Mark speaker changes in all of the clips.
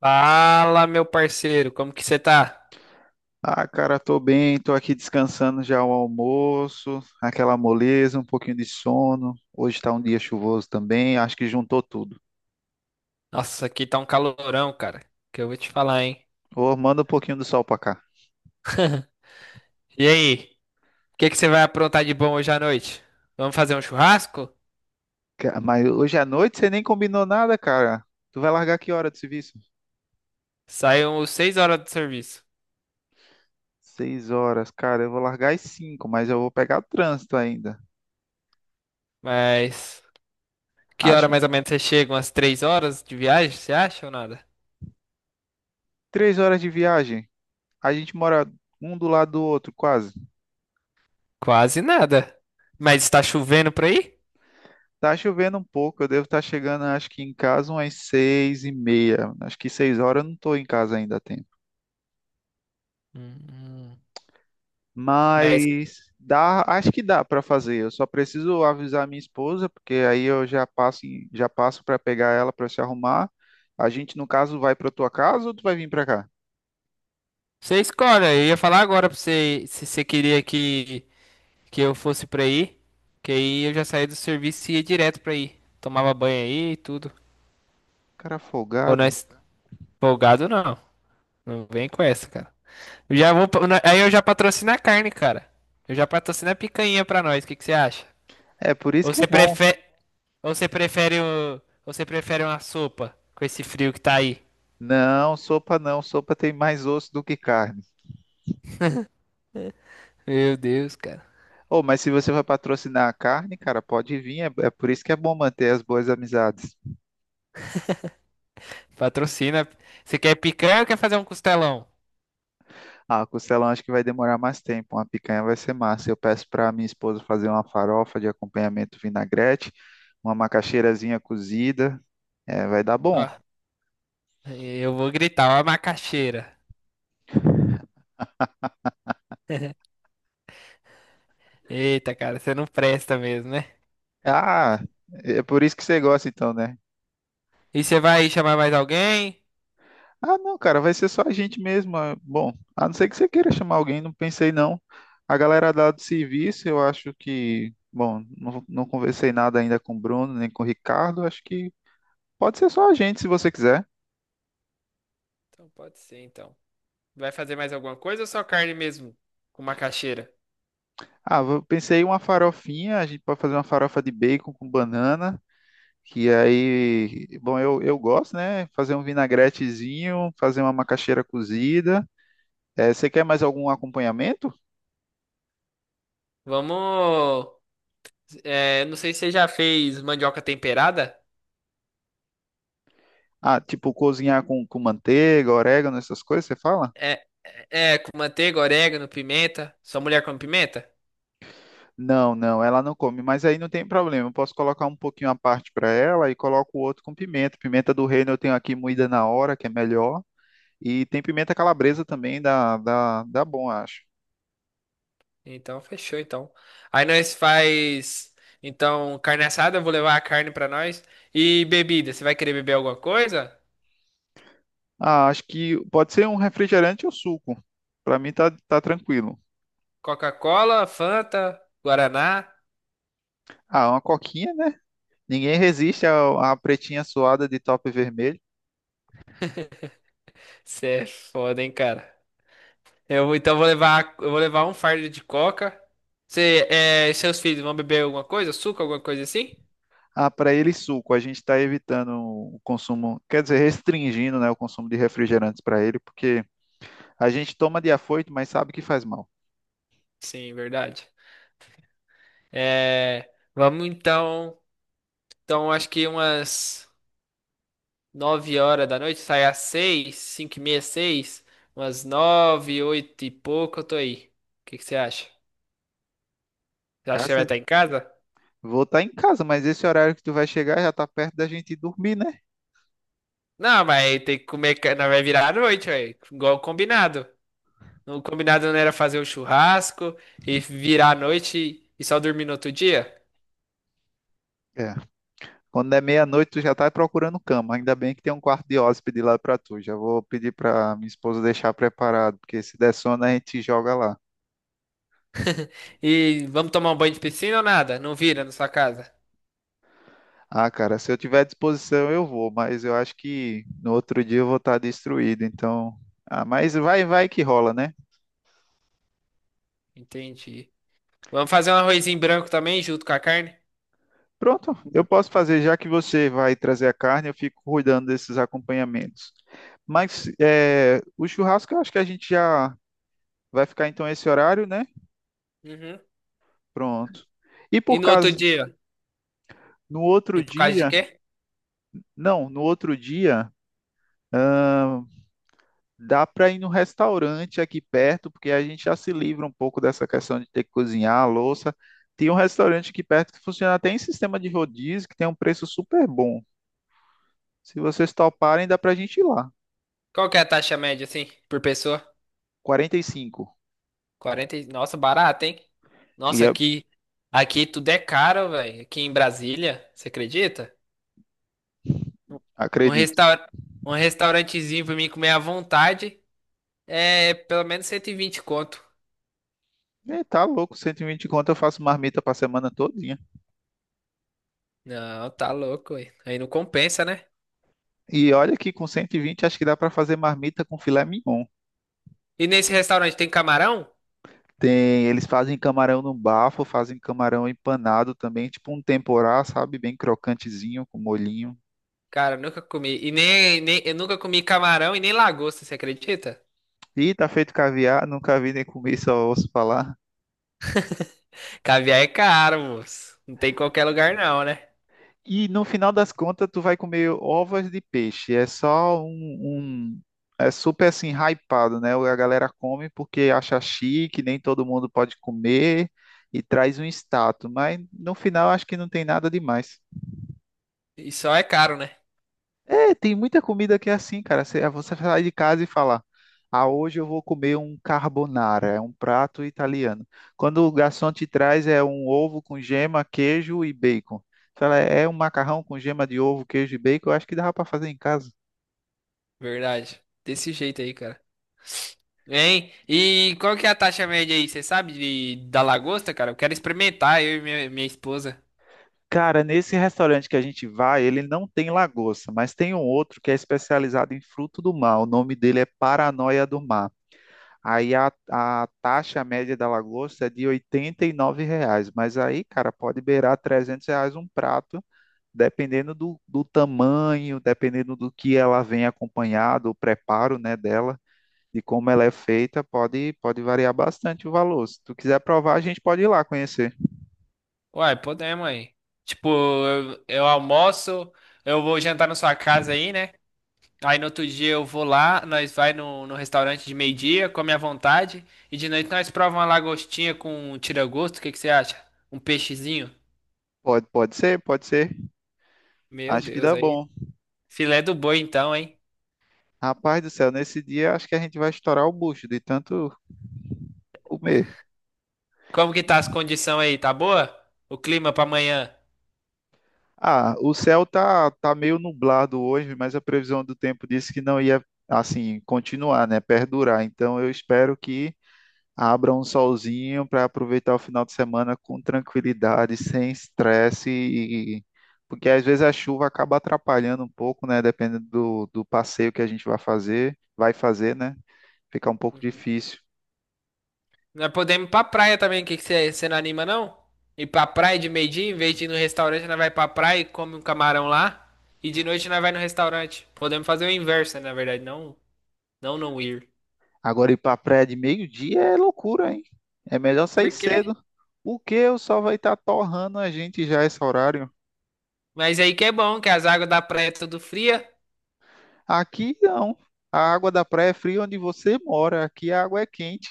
Speaker 1: Fala, meu parceiro, como que você tá?
Speaker 2: Ah, cara, tô bem, tô aqui descansando já o almoço, aquela moleza, um pouquinho de sono. Hoje tá um dia chuvoso também, acho que juntou tudo.
Speaker 1: Nossa, aqui tá um calorão, cara, que eu vou te falar, hein?
Speaker 2: Ô, manda um pouquinho do sol pra cá.
Speaker 1: E aí, o que que você vai aprontar de bom hoje à noite? Vamos fazer um churrasco?
Speaker 2: Mas hoje à noite você nem combinou nada, cara. Tu vai largar que hora do serviço?
Speaker 1: Saiu 6 horas do serviço,
Speaker 2: 6 horas, cara, eu vou largar às 5, mas eu vou pegar trânsito ainda.
Speaker 1: mas que hora
Speaker 2: Acho
Speaker 1: mais ou menos você chega? Umas 3 horas de viagem, você acha ou nada?
Speaker 2: 3 horas de viagem. A gente mora um do lado do outro, quase.
Speaker 1: Quase nada. Mas está chovendo por aí?
Speaker 2: Tá chovendo um pouco, eu devo estar chegando, acho que em casa umas 6h30. Acho que 6 horas eu não estou em casa ainda a tempo.
Speaker 1: Hum, hum. Mas
Speaker 2: Mas dá, acho que dá para fazer. Eu só preciso avisar minha esposa, porque aí eu já passo, já passo para pegar ela para se arrumar. A gente, no caso, vai para tua casa ou tu vai vir para cá?
Speaker 1: você escolhe, eu ia falar agora pra você se você queria que eu fosse pra aí, que aí eu já saía do serviço e ia direto pra aí. Tomava banho aí e tudo.
Speaker 2: Cara
Speaker 1: Ou
Speaker 2: folgado.
Speaker 1: nós folgado não. Não vem com essa, cara. Eu já vou, aí eu já patrocino a carne, cara. Eu já patrocino a picanha pra nós. O que que você acha?
Speaker 2: É por isso
Speaker 1: Ou
Speaker 2: que é
Speaker 1: você
Speaker 2: bom.
Speaker 1: prefere, ou você prefere o, ou você prefere uma sopa com esse frio que tá aí?
Speaker 2: Não, sopa não. Sopa tem mais osso do que carne.
Speaker 1: Meu Deus, cara.
Speaker 2: Oh, mas se você vai patrocinar a carne, cara, pode vir. É, é por isso que é bom manter as boas amizades.
Speaker 1: Patrocina. Você quer picanha ou quer fazer um costelão?
Speaker 2: Ah, costelão acho que vai demorar mais tempo. Uma picanha vai ser massa. Eu peço para minha esposa fazer uma farofa de acompanhamento vinagrete, uma macaxeirazinha cozida. É, vai dar bom.
Speaker 1: Ó, eu vou gritar, ó, a macaxeira. Eita, cara, você não presta mesmo, né?
Speaker 2: Ah, é por isso que você gosta então, né?
Speaker 1: E você vai chamar mais alguém?
Speaker 2: Ah, não, cara, vai ser só a gente mesmo. Bom, a não ser que você queira chamar alguém, não pensei não. A galera lá do serviço, eu acho que, bom, não, não conversei nada ainda com o Bruno nem com o Ricardo. Acho que pode ser só a gente, se você quiser.
Speaker 1: Então pode ser, então. Vai fazer mais alguma coisa ou só carne mesmo? Com macaxeira?
Speaker 2: Ah, eu pensei em uma farofinha, a gente pode fazer uma farofa de bacon com banana, que aí, bom, eu gosto, né? Fazer um vinagretezinho, fazer uma macaxeira cozida. Você quer mais algum acompanhamento?
Speaker 1: Vamos. É, não sei se você já fez mandioca temperada.
Speaker 2: Ah, tipo cozinhar com manteiga, orégano, essas coisas, você fala?
Speaker 1: É, é, com manteiga, orégano, pimenta. Sua mulher come pimenta?
Speaker 2: Não, não, ela não come, mas aí não tem problema. Eu posso colocar um pouquinho à parte para ela e coloco o outro com pimenta. Pimenta do reino eu tenho aqui moída na hora, que é melhor. E tem pimenta calabresa também, dá bom, acho.
Speaker 1: Então fechou, então. Aí nós faz. Então, carne assada, eu vou levar a carne pra nós. E bebida, você vai querer beber alguma coisa?
Speaker 2: Ah, acho que pode ser um refrigerante ou suco. Pra mim tá tranquilo.
Speaker 1: Coca-Cola, Fanta, Guaraná?
Speaker 2: Ah, uma coquinha, né? Ninguém resiste à pretinha suada de top vermelho.
Speaker 1: Você é foda, hein, cara. Então eu vou levar um fardo de coca. Você, é, seus filhos vão beber alguma coisa? Suco, alguma coisa assim?
Speaker 2: Ah, para ele suco. A gente está evitando o consumo, quer dizer, restringindo, né, o consumo de refrigerantes para ele, porque a gente toma de afoito, mas sabe que faz mal.
Speaker 1: Sim, verdade. É, vamos então. Então acho que umas 9 horas da noite, sai às 6, 5 e meia, 6, umas 9, 8 e pouco eu tô aí. O que que você acha? Você acha que você vai
Speaker 2: Cássio,
Speaker 1: estar em casa?
Speaker 2: vou estar em casa, mas esse horário que tu vai chegar já tá perto da gente ir dormir, né?
Speaker 1: Não, mas tem que comer, ca- não vai virar à noite, velho. Igual combinado. O combinado não era fazer o churrasco e virar à noite e só dormir no outro dia?
Speaker 2: É. Quando é meia-noite, tu já tá procurando cama. Ainda bem que tem um quarto de hóspede lá pra tu. Já vou pedir pra minha esposa deixar preparado, porque se der sono, a gente joga lá.
Speaker 1: E vamos tomar um banho de piscina ou nada? Não vira na sua casa.
Speaker 2: Ah, cara, se eu tiver à disposição, eu vou, mas eu acho que no outro dia eu vou estar destruído, então. Ah, mas vai, vai que rola, né?
Speaker 1: Entendi. Vamos fazer um arrozinho branco também, junto com a carne?
Speaker 2: Pronto, eu posso fazer, já que você vai trazer a carne, eu fico cuidando desses acompanhamentos. Mas é, o churrasco, eu acho que a gente já vai ficar então esse horário, né?
Speaker 1: Uhum.
Speaker 2: Pronto. E
Speaker 1: E
Speaker 2: por
Speaker 1: no outro
Speaker 2: caso,
Speaker 1: dia?
Speaker 2: no outro
Speaker 1: E por causa de
Speaker 2: dia.
Speaker 1: quê?
Speaker 2: Não, no outro dia, ahn, dá para ir no restaurante aqui perto, porque a gente já se livra um pouco dessa questão de ter que cozinhar a louça. Tem um restaurante aqui perto que funciona até em sistema de rodízio, que tem um preço super bom. Se vocês toparem, dá para a gente ir lá.
Speaker 1: Qual que é a taxa média, assim, por pessoa?
Speaker 2: 45.
Speaker 1: 40. Nossa, barato, hein?
Speaker 2: E
Speaker 1: Nossa,
Speaker 2: é-
Speaker 1: aqui, aqui tudo é caro, velho. Aqui em Brasília, você acredita? Um
Speaker 2: Acredito.
Speaker 1: restaur... Um restaurantezinho pra mim comer à vontade é pelo menos 120 conto.
Speaker 2: É, tá louco, 120 conto eu faço marmita para semana todinha.
Speaker 1: Não, tá louco, ué. Aí não compensa, né?
Speaker 2: E olha que com 120 acho que dá para fazer marmita com filé mignon.
Speaker 1: E nesse restaurante tem camarão?
Speaker 2: Tem, eles fazem camarão no bafo, fazem camarão empanado também, tipo um temporá, sabe? Bem crocantezinho, com molhinho.
Speaker 1: Cara, eu nunca comi. E nem, nem, eu nunca comi camarão e nem lagosta, você acredita?
Speaker 2: E tá feito caviar, nunca vi nem comi, só ouço falar.
Speaker 1: Caviar é caro, moço. Não tem em qualquer lugar, não, né?
Speaker 2: E no final das contas, tu vai comer ovas de peixe. É só um- É super assim, hypado, né? A galera come porque acha chique, nem todo mundo pode comer e traz um status. Mas no final, acho que não tem nada demais.
Speaker 1: E só é caro, né?
Speaker 2: É, tem muita comida que é assim, cara. Você sai de casa e fala: Ah, hoje eu vou comer um carbonara, é um prato italiano. Quando o garçom te traz, é um ovo com gema, queijo e bacon. Você Fala, é um macarrão com gema de ovo, queijo e bacon. Eu acho que dava para fazer em casa.
Speaker 1: Verdade. Desse jeito aí, cara. Hein? E qual que é a taxa média aí? Você sabe da lagosta, cara? Eu quero experimentar, eu e minha esposa.
Speaker 2: Cara, nesse restaurante que a gente vai, ele não tem lagosta, mas tem um outro que é especializado em fruto do mar. O nome dele é Paranoia do Mar. Aí a taxa média da lagosta é de R$ 89, mas aí, cara, pode beirar R$ 300 um prato, dependendo do tamanho, dependendo do que ela vem acompanhado, o preparo, né, dela, de como ela é feita, pode, pode variar bastante o valor. Se tu quiser provar, a gente pode ir lá conhecer.
Speaker 1: Uai, podemos aí. Tipo, eu almoço, eu vou jantar na sua casa aí, né? Aí no outro dia eu vou lá, nós vai no restaurante de meio-dia, come à vontade, e de noite nós prova uma lagostinha com um tira-gosto, o que que você acha? Um peixezinho?
Speaker 2: Pode, pode ser, pode ser.
Speaker 1: Meu
Speaker 2: Acho que
Speaker 1: Deus,
Speaker 2: dá
Speaker 1: aí.
Speaker 2: bom.
Speaker 1: Filé do boi então, hein?
Speaker 2: Rapaz do céu, nesse dia acho que a gente vai estourar o bucho de tanto comer.
Speaker 1: Como que tá as condições aí? Tá boa? O clima pra amanhã?
Speaker 2: Ah, o céu tá meio nublado hoje, mas a previsão do tempo disse que não ia, assim, continuar, né? Perdurar. Então eu espero que abra um solzinho para aproveitar o final de semana com tranquilidade, sem estresse, porque às vezes a chuva acaba atrapalhando um pouco, né? Dependendo do passeio que a gente vai fazer, né? Fica um pouco
Speaker 1: Uhum.
Speaker 2: difícil.
Speaker 1: Nós podemos ir pra praia também, que você não anima, não? Ir pra praia de meio-dia, em vez de ir no restaurante, nós vai pra praia e come um camarão lá. E de noite nós vai no restaurante. Podemos fazer o inverso, né, na verdade, não, não não ir.
Speaker 2: Agora ir para a praia de meio-dia é loucura, hein? É melhor
Speaker 1: Por
Speaker 2: sair
Speaker 1: quê?
Speaker 2: cedo. O que o sol vai estar torrando a gente já esse horário?
Speaker 1: Mas aí que é bom, que as águas da praia é tudo fria.
Speaker 2: Aqui não. A água da praia é fria onde você mora. Aqui a água é quente.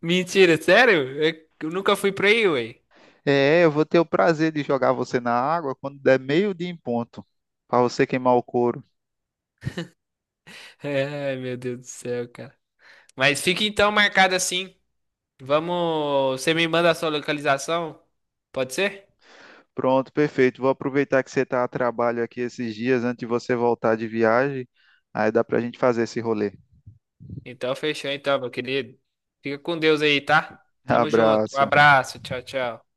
Speaker 1: Mentira, sério? Eu nunca fui pra aí, ué.
Speaker 2: É, eu vou ter o prazer de jogar você na água quando der meio-dia em ponto, para você queimar o couro.
Speaker 1: É, ai, meu Deus do céu, cara. Mas fica então marcado assim. Vamos. Você me manda a sua localização? Pode ser?
Speaker 2: Pronto, perfeito. Vou aproveitar que você está a trabalho aqui esses dias antes de você voltar de viagem. Aí dá para a gente fazer esse rolê.
Speaker 1: Então fechou, então, meu querido. Fica com Deus aí, tá? Tamo junto. Um
Speaker 2: Abraço.
Speaker 1: abraço. Tchau, tchau.